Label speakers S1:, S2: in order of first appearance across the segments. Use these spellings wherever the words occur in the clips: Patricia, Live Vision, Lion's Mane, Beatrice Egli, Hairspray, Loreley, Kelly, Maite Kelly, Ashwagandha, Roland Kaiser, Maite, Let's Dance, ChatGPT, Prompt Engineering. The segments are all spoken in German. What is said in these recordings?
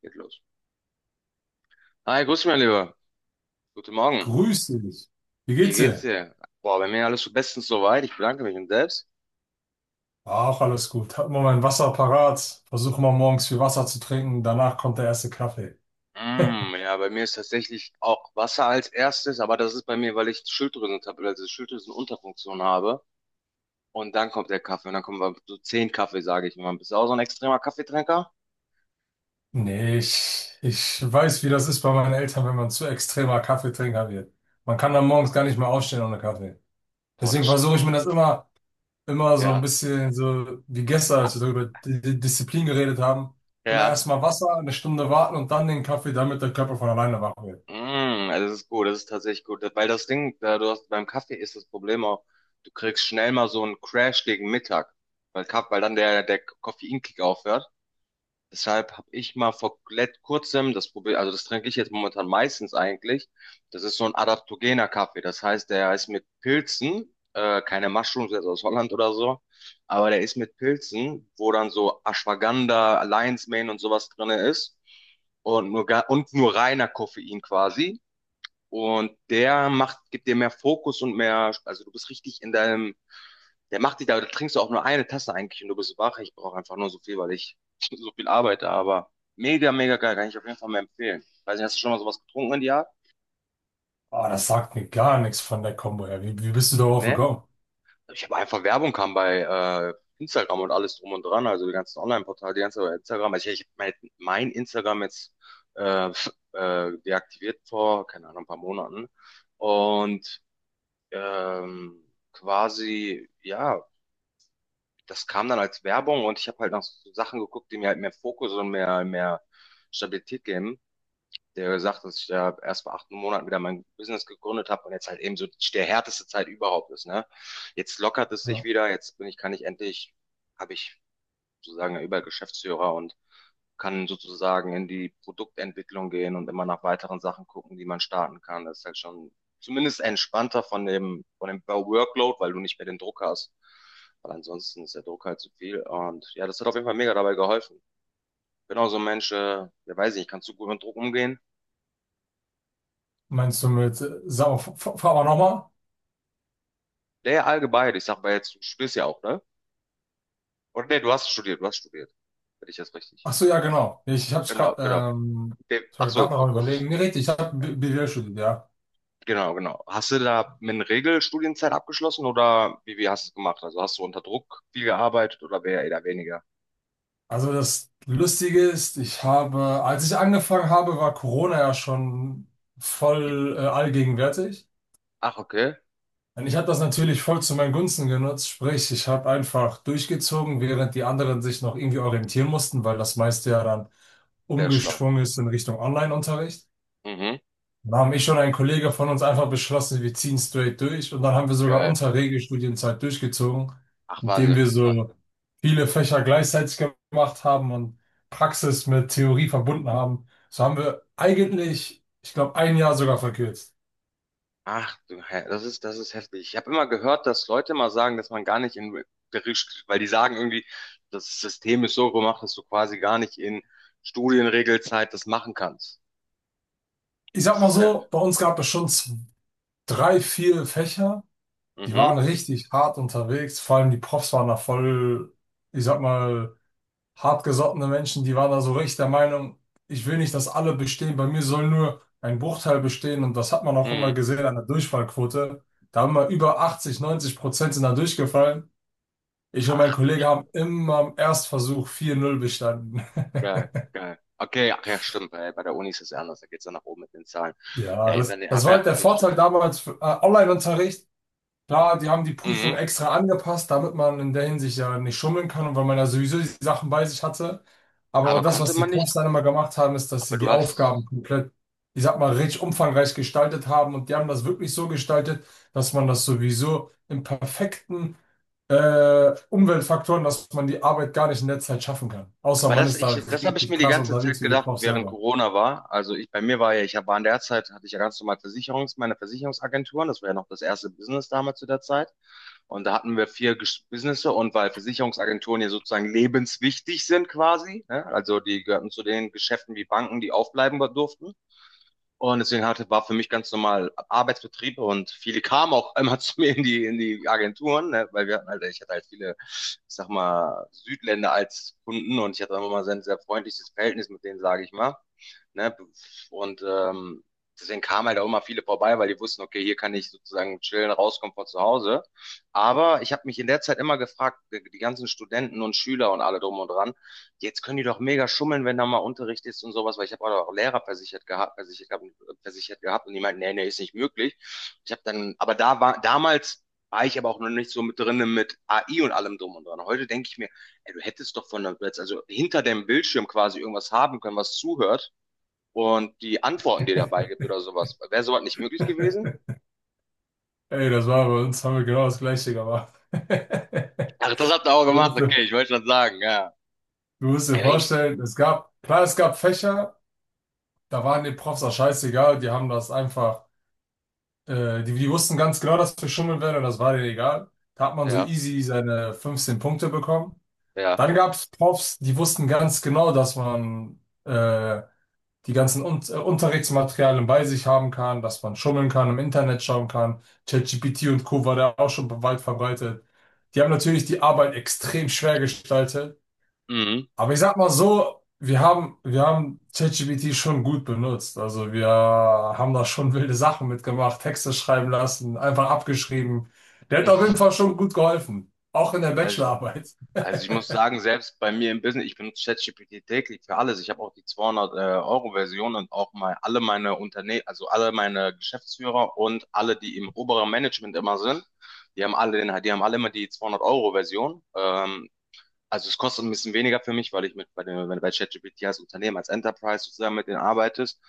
S1: Geht los. Hi, grüß mich, mein Lieber. Guten Morgen.
S2: Grüß dich. Wie
S1: Wie
S2: geht's
S1: geht's
S2: dir?
S1: dir? Boah, bei mir alles so bestens soweit. Ich bedanke mich und selbst.
S2: Ach, alles gut. Hab mal mein Wasser parat. Versuche mal morgens viel Wasser zu trinken. Danach kommt der erste Kaffee.
S1: Mm, ja, bei mir ist tatsächlich auch Wasser als erstes, aber das ist bei mir, weil ich Schilddrüsentabletten, also Schilddrüsenunterfunktion habe. Und dann kommt der Kaffee und dann kommen wir so 10 Kaffee, sage ich mal. Bist du auch so ein extremer Kaffeetrinker?
S2: Nee, ich weiß, wie das ist bei meinen Eltern, wenn man zu extremer Kaffeetrinker wird. Man kann dann morgens gar nicht mehr aufstehen ohne Kaffee.
S1: Boah,
S2: Deswegen
S1: das
S2: versuche ich
S1: stimmt.
S2: mir das immer, immer so ein
S1: Ja,
S2: bisschen so wie gestern, als wir darüber Disziplin geredet haben. Immer
S1: ja.
S2: erstmal Wasser, eine Stunde warten und dann den Kaffee, damit der Körper von alleine wach wird.
S1: Mm, also das ist gut, das ist tatsächlich gut. Weil das Ding, da du hast, beim Kaffee ist das Problem auch, du kriegst schnell mal so einen Crash gegen Mittag, weil dann der Koffeinkick aufhört. Deshalb habe ich mal vor kurzem das Problem, also das trinke ich jetzt momentan meistens eigentlich. Das ist so ein adaptogener Kaffee. Das heißt, der ist mit Pilzen, keine Mushrooms jetzt aus Holland oder so, aber der ist mit Pilzen, wo dann so Ashwagandha, Lion's Mane und sowas drinne ist. Und nur reiner Koffein quasi. Und der macht, gibt dir mehr Fokus und mehr, also du bist richtig in deinem, der macht dich da, da trinkst du auch nur eine Tasse eigentlich und du bist wach. Ich brauche einfach nur so viel, weil ich so viel arbeite, aber mega, mega geil, kann ich auf jeden Fall mal empfehlen. Weiß nicht, hast du schon mal sowas getrunken in die Art?
S2: Ah, das sagt mir gar nichts von der Kombo her. Wie bist du darauf
S1: Ne?
S2: gekommen?
S1: Ich habe einfach Werbung kam bei Instagram und alles drum und dran, also die ganzen Online-Portale, die ganze Instagram. Also ich hab mein Instagram jetzt deaktiviert vor, keine Ahnung, ein paar Monaten. Und ähm, quasi, ja, das kam dann als Werbung und ich habe halt nach so Sachen geguckt, die mir halt mehr Fokus und mehr Stabilität geben. Der gesagt, dass ich ja erst vor 8 Monaten wieder mein Business gegründet habe und jetzt halt eben so der härteste Zeit überhaupt ist, ne? Jetzt lockert es sich
S2: Ja.
S1: wieder, jetzt bin ich, kann ich endlich, habe ich sozusagen über Geschäftsführer und kann sozusagen in die Produktentwicklung gehen und immer nach weiteren Sachen gucken, die man starten kann. Das ist halt schon zumindest entspannter von dem Workload, weil du nicht mehr den Druck hast. Weil ansonsten ist der Druck halt zu viel. Und ja, das hat auf jeden Fall mega dabei geholfen. Ich bin auch so ein Mensch, ja weiß ich nicht, kannst du gut mit Druck umgehen?
S2: Meinst du mit, sag mal, fahr mal nochmal?
S1: Der allgemein, ich sag mal jetzt, du studierst ja auch, ne? Oder nee, du hast studiert, du hast studiert. Wenn ich das richtig
S2: Ach so, ja,
S1: weiß.
S2: genau. Nee, ich habe
S1: Genau,
S2: gerade
S1: genau. Der,
S2: ich
S1: ach
S2: war gerade
S1: so,
S2: noch am
S1: akustisch.
S2: Überlegen. Nee, richtig, ich habe BWL studiert, ja.
S1: Genau, genau. Hast du da mit einer Regelstudienzeit abgeschlossen oder wie hast du es gemacht? Also hast du unter Druck viel gearbeitet oder eher weniger?
S2: Also das Lustige ist, ich habe, als ich angefangen habe, war Corona ja schon voll allgegenwärtig.
S1: Ach, okay.
S2: Und ich habe das natürlich voll zu meinen Gunsten genutzt. Sprich, ich habe einfach durchgezogen, während die anderen sich noch irgendwie orientieren mussten, weil das meiste ja dann
S1: Sehr schlau.
S2: umgeschwungen ist in Richtung Online-Unterricht.
S1: Mhm.
S2: Da haben ich und ein Kollege von uns einfach beschlossen, wir ziehen straight durch. Und dann haben wir sogar
S1: Geil.
S2: unsere Regelstudienzeit durchgezogen,
S1: Ach,
S2: indem
S1: Wahnsinn.
S2: wir
S1: Ja.
S2: so viele Fächer gleichzeitig gemacht haben und Praxis mit Theorie verbunden haben. So haben wir eigentlich, ich glaube, ein Jahr sogar verkürzt.
S1: Ach, du, das ist heftig. Ich habe immer gehört, dass Leute mal sagen, dass man gar nicht in Bericht, weil die sagen irgendwie, das System ist so gemacht, dass du quasi gar nicht in Studienregelzeit das machen kannst.
S2: Ich sag
S1: Das
S2: mal
S1: ist ja.
S2: so, bei uns gab es schon drei, vier Fächer, die
S1: Mhm.
S2: waren richtig hart unterwegs. Vor allem die Profs waren da voll, ich sag mal, hartgesottene Menschen, die waren da so richtig der Meinung, ich will nicht, dass alle bestehen, bei mir soll nur ein Bruchteil bestehen, und das hat man auch immer
S1: Mhm.
S2: gesehen an der Durchfallquote. Da haben wir über 80, 90% sind da durchgefallen. Ich und mein
S1: Ach,
S2: Kollege haben immer am Erstversuch 4-0 bestanden.
S1: geil, geil. Okay, ach ja, stimmt. Bei der Uni ist es ja anders. Da geht's dann nach oben mit den Zahlen.
S2: Ja,
S1: Ja, ich
S2: das, das
S1: hab
S2: war
S1: ja
S2: halt der
S1: nicht
S2: Vorteil
S1: studiert.
S2: damals für Online-Unterricht. Klar, die haben die Prüfung
S1: Mhm.
S2: extra angepasst, damit man in der Hinsicht ja nicht schummeln kann und weil man ja sowieso die Sachen bei sich hatte. Aber
S1: Aber
S2: das,
S1: konnte
S2: was die
S1: man
S2: Profs
S1: nicht.
S2: dann immer gemacht haben, ist, dass
S1: Aber
S2: sie
S1: du
S2: die Aufgaben
S1: hast.
S2: komplett, ich sag mal, richtig umfangreich gestaltet haben, und die haben das wirklich so gestaltet, dass man das sowieso im perfekten Umweltfaktoren, dass man die Arbeit gar nicht in der Zeit schaffen kann. Außer
S1: Aber
S2: man
S1: das,
S2: ist da
S1: ich, das habe ich
S2: richtig
S1: mir die
S2: krass
S1: ganze Zeit
S2: unterwegs wie die
S1: gedacht,
S2: Profs
S1: während
S2: selber.
S1: Corona war. Also ich, bei mir war ja, war in der Zeit, hatte ich ja ganz normal meine Versicherungsagenturen. Das war ja noch das erste Business damals zu der Zeit. Und da hatten wir vier Businesse und weil Versicherungsagenturen ja sozusagen lebenswichtig sind quasi, ne? Also die gehörten zu den Geschäften wie Banken, die aufbleiben durften. Und deswegen hatte, war für mich ganz normal Arbeitsbetrieb und viele kamen auch immer zu mir in die Agenturen, ne? Weil wir hatten halt, ich hatte halt viele, ich sag mal, Südländer als Kunden und ich hatte immer mal sehr, sehr freundliches Verhältnis mit denen, sage ich mal. Ne? Und deswegen kamen halt auch immer viele vorbei, weil die wussten, okay, hier kann ich sozusagen chillen, rauskommen von zu Hause. Aber ich habe mich in der Zeit immer gefragt, die ganzen Studenten und Schüler und alle drum und dran, jetzt können die doch mega schummeln, wenn da mal Unterricht ist und sowas, weil ich habe auch Lehrer versichert gehabt, und die meinten, nee, nee, ist nicht möglich. Ich habe dann, aber da war damals war ich aber auch noch nicht so mit drin, mit AI und allem drum und dran. Heute denke ich mir, ey, du hättest doch von der, also hinter dem Bildschirm quasi irgendwas haben können, was zuhört und die Antworten, die dabei gibt oder sowas. Wäre sowas nicht möglich gewesen?
S2: Ey, das war bei uns, haben wir genau das Gleiche gemacht.
S1: Ach, das habt ihr auch
S2: So
S1: gemacht,
S2: ist.
S1: okay, ich wollte schon sagen, ja.
S2: Du musst dir
S1: Ey,
S2: vorstellen, es gab, klar, es gab Fächer, da waren die Profs auch scheißegal, die haben das einfach, die, die wussten ganz genau, dass wir schummeln werden, und das war denen egal. Da hat man so
S1: ja,
S2: easy seine 15 Punkte bekommen.
S1: ja.
S2: Dann gab es Profs, die wussten ganz genau, dass man äh, die ganzen Un Unterrichtsmaterialien bei sich haben kann, dass man schummeln kann, im Internet schauen kann. ChatGPT und Co. war da auch schon weit verbreitet. Die haben natürlich die Arbeit extrem schwer gestaltet.
S1: Mhm.
S2: Aber ich sag mal so, wir haben ChatGPT schon gut benutzt. Also wir haben da schon wilde Sachen mitgemacht, Texte schreiben lassen, einfach abgeschrieben. Der hat auf jeden Fall schon gut geholfen. Auch in der
S1: Also
S2: Bachelorarbeit.
S1: Also ich muss sagen, selbst bei mir im Business, ich benutze ChatGPT täglich für alles. Ich habe auch die 200-Euro-Version und auch mal alle meine Unternehmen, also alle meine Geschäftsführer und alle, die im oberen Management immer sind, die haben alle immer die 200-Euro-Version. Also es kostet ein bisschen weniger für mich, weil ich mit bei dem, wenn du bei ChatGPT als Unternehmen, als Enterprise sozusagen mit denen arbeitest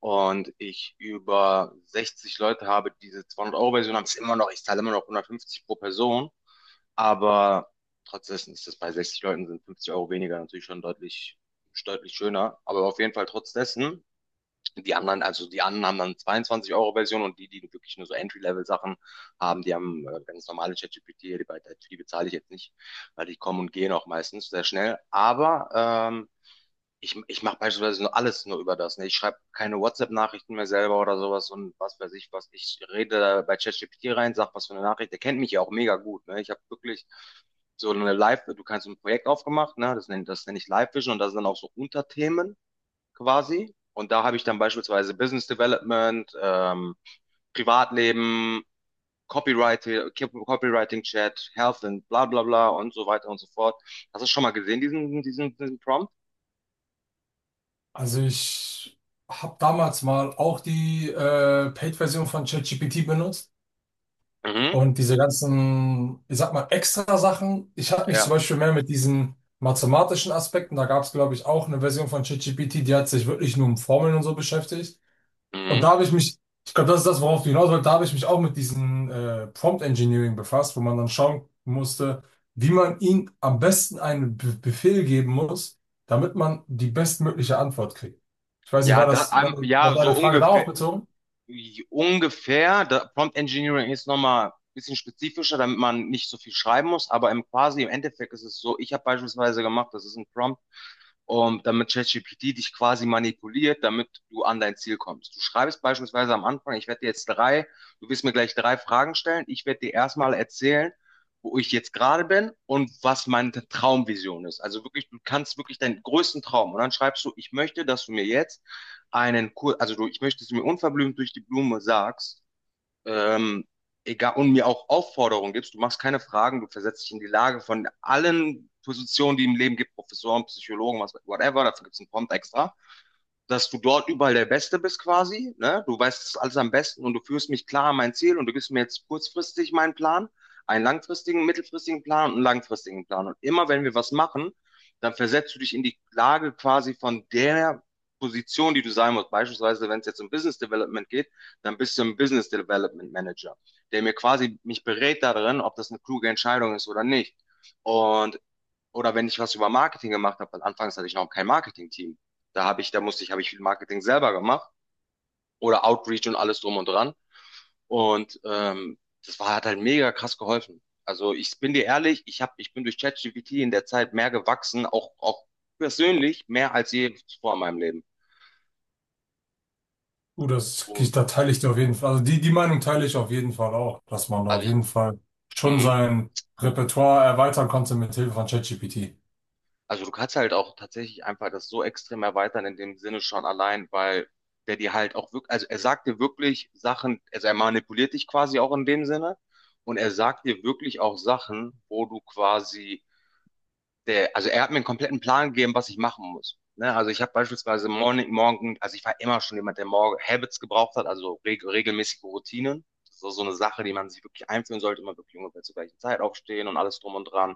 S1: und ich über 60 Leute habe, die diese 200-Euro-Version haben, ist immer noch, ich zahle immer noch 150 pro Person, aber trotzdem ist das bei 60 Leuten sind 50 € weniger natürlich schon deutlich, deutlich schöner, aber auf jeden Fall trotz dessen die anderen, also die anderen haben dann 22 € Version und die, die wirklich nur so Entry-Level-Sachen haben, die haben ganz normale ChatGPT, die, die bezahle ich jetzt nicht, weil die kommen und gehen auch meistens sehr schnell. Aber ähm, ich mache beispielsweise nur alles nur über das. Ne? Ich schreibe keine WhatsApp-Nachrichten mehr selber oder sowas und was weiß ich was. Ich rede da bei ChatGPT rein, sag was für eine Nachricht. Der kennt mich ja auch mega gut. Ne? Ich habe wirklich so eine Live, du kannst ein Projekt aufgemacht, ne? Das nenn ich Live Vision und da sind dann auch so Unterthemen quasi. Und da habe ich dann beispielsweise Business Development, Privatleben, Copywriting, Copywriting Chat, Health und bla bla bla und so weiter und so fort. Hast du schon mal gesehen, diesen Prompt?
S2: Also ich habe damals mal auch die Paid-Version von ChatGPT benutzt.
S1: Mhm.
S2: Und diese ganzen, ich sag mal, extra Sachen. Ich habe mich zum
S1: Ja.
S2: Beispiel mehr mit diesen mathematischen Aspekten, da gab es, glaube ich, auch eine Version von ChatGPT, die hat sich wirklich nur um Formeln und so beschäftigt. Und da
S1: Mhm.
S2: habe ich mich, ich glaube, das ist das, worauf du hinaus wolltest, da habe ich mich auch mit diesem Prompt Engineering befasst, wo man dann schauen musste, wie man ihm am besten einen Be Befehl geben muss, damit man die bestmögliche Antwort kriegt. Ich weiß nicht,
S1: Ja,
S2: war
S1: da,
S2: das, war, war
S1: ja, so
S2: deine Frage darauf
S1: ungefähr.
S2: bezogen?
S1: Ungefähr. Da, Prompt Engineering ist nochmal ein bisschen spezifischer, damit man nicht so viel schreiben muss. Aber im quasi im Endeffekt ist es so, ich habe beispielsweise gemacht, das ist ein Prompt, um, damit ChatGPT dich quasi manipuliert, damit du an dein Ziel kommst. Du schreibst beispielsweise am Anfang, ich werde dir jetzt drei, du wirst mir gleich drei Fragen stellen. Ich werde dir erstmal erzählen, wo ich jetzt gerade bin und was meine Traumvision ist. Also wirklich, du kannst wirklich deinen größten Traum. Und dann schreibst du, ich möchte, dass du mir jetzt einen Kurs, also du, ich möchte, dass du mir unverblümt durch die Blume sagst, ähm, egal, und mir auch Aufforderungen gibst, du machst keine Fragen, du versetzt dich in die Lage von allen Positionen, die im Leben gibt, Professoren, Psychologen, was, whatever, dafür gibt es einen Prompt extra, dass du dort überall der Beste bist quasi, ne? Du weißt es alles am besten und du führst mich klar an mein Ziel und du gibst mir jetzt kurzfristig meinen Plan, einen langfristigen, mittelfristigen Plan und einen langfristigen Plan. Und immer wenn wir was machen, dann versetzt du dich in die Lage quasi von der Position, die du sein musst. Beispielsweise, wenn es jetzt um Business Development geht, dann bist du ein Business Development Manager, der mir quasi mich berät darin, ob das eine kluge Entscheidung ist oder nicht. Und oder wenn ich was über Marketing gemacht habe, weil anfangs hatte ich noch kein Marketing-Team. Da habe ich, da musste ich, habe ich viel Marketing selber gemacht oder Outreach und alles drum und dran. Und das war, hat halt mega krass geholfen. Also ich bin dir ehrlich, ich bin durch ChatGPT in der Zeit mehr gewachsen, auch, auch persönlich, mehr als je zuvor in meinem Leben.
S2: Das,
S1: Und,
S2: da teile ich dir auf jeden Fall, also die, die Meinung teile ich auf jeden Fall auch, dass man da
S1: also
S2: auf
S1: ich,
S2: jeden Fall schon
S1: mhm.
S2: sein Repertoire erweitern konnte mit Hilfe von ChatGPT.
S1: Also du kannst halt auch tatsächlich einfach das so extrem erweitern in dem Sinne schon allein, weil der dir halt auch wirklich, also er sagt dir wirklich Sachen, also er manipuliert dich quasi auch in dem Sinne und er sagt dir wirklich auch Sachen, wo du quasi der, also er hat mir einen kompletten Plan gegeben, was ich machen muss. Ne? Also ich habe beispielsweise morgen, also ich war immer schon jemand, der morgen Habits gebraucht hat, also regelmäßige Routinen. Das ist auch so eine Sache, die man sich wirklich einführen sollte, immer wirklich ungefähr zur gleichen Zeit aufstehen und alles drum und dran.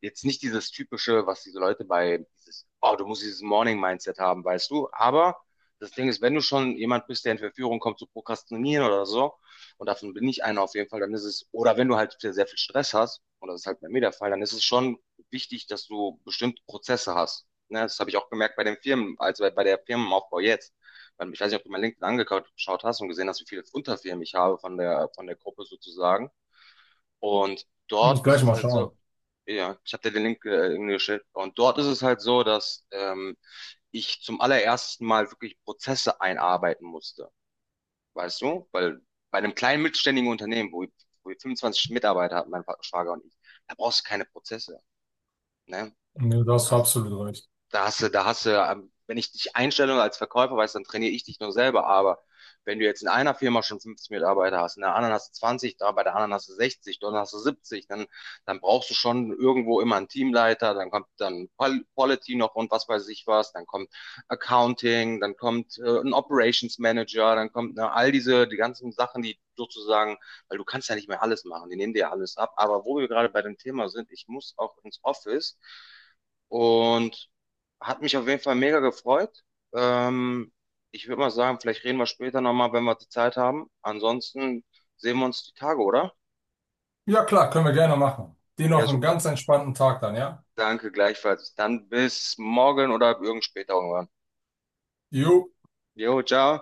S1: Jetzt nicht dieses typische, was diese Leute bei dieses, oh, du musst dieses Morning-Mindset haben, weißt du. Aber das Ding ist, wenn du schon jemand bist, der in Verführung kommt zu prokrastinieren oder so, und davon bin ich einer auf jeden Fall, dann ist es, oder wenn du halt sehr viel Stress hast, und das ist halt bei mir der Fall, dann ist es schon wichtig, dass du bestimmte Prozesse hast. Ne, das habe ich auch gemerkt bei den Firmen, also bei der Firmenaufbau jetzt. Weil ich weiß nicht, ob du mein LinkedIn angeschaut hast und gesehen hast, wie viele Unterfirmen ich habe von der Gruppe sozusagen. Und
S2: Kann ich
S1: dort ist
S2: gleich
S1: es
S2: mal
S1: halt
S2: schauen.
S1: so, ja, ich habe dir den Link irgendwie geschickt. Und dort ist es halt so, dass ich zum allerersten Mal wirklich Prozesse einarbeiten musste. Weißt du? Weil bei einem kleinen mittelständigen Unternehmen, wo wir 25 Mitarbeiter hatten, mein Schwager und ich, da brauchst du keine Prozesse. Ne?
S2: Nee, da hast
S1: Da
S2: du absolut recht.
S1: da hast du, wenn ich dich einstelle als Verkäufer, weiß, dann trainiere ich dich nur selber. Aber wenn du jetzt in einer Firma schon 50 Mitarbeiter hast, in der anderen hast du 20, da bei der anderen hast du 60, dann hast du 70, dann brauchst du schon irgendwo immer einen Teamleiter, dann kommt dann Quality noch und was weiß ich was, dann kommt Accounting, dann kommt ein Operations Manager, dann kommt ne, all diese, die ganzen Sachen, die sozusagen, weil du kannst ja nicht mehr alles machen, die nehmen dir ja alles ab. Aber wo wir gerade bei dem Thema sind, ich muss auch ins Office. Und hat mich auf jeden Fall mega gefreut. Ähm, Ich würde mal sagen, vielleicht reden wir später nochmal, wenn wir die Zeit haben. Ansonsten sehen wir uns die Tage, oder?
S2: Ja, klar, können wir gerne machen. Dir
S1: Ja,
S2: noch einen
S1: super.
S2: ganz entspannten Tag dann, ja?
S1: Danke gleichfalls. Dann bis morgen oder irgend später irgendwann.
S2: Jo.
S1: Jo, ciao.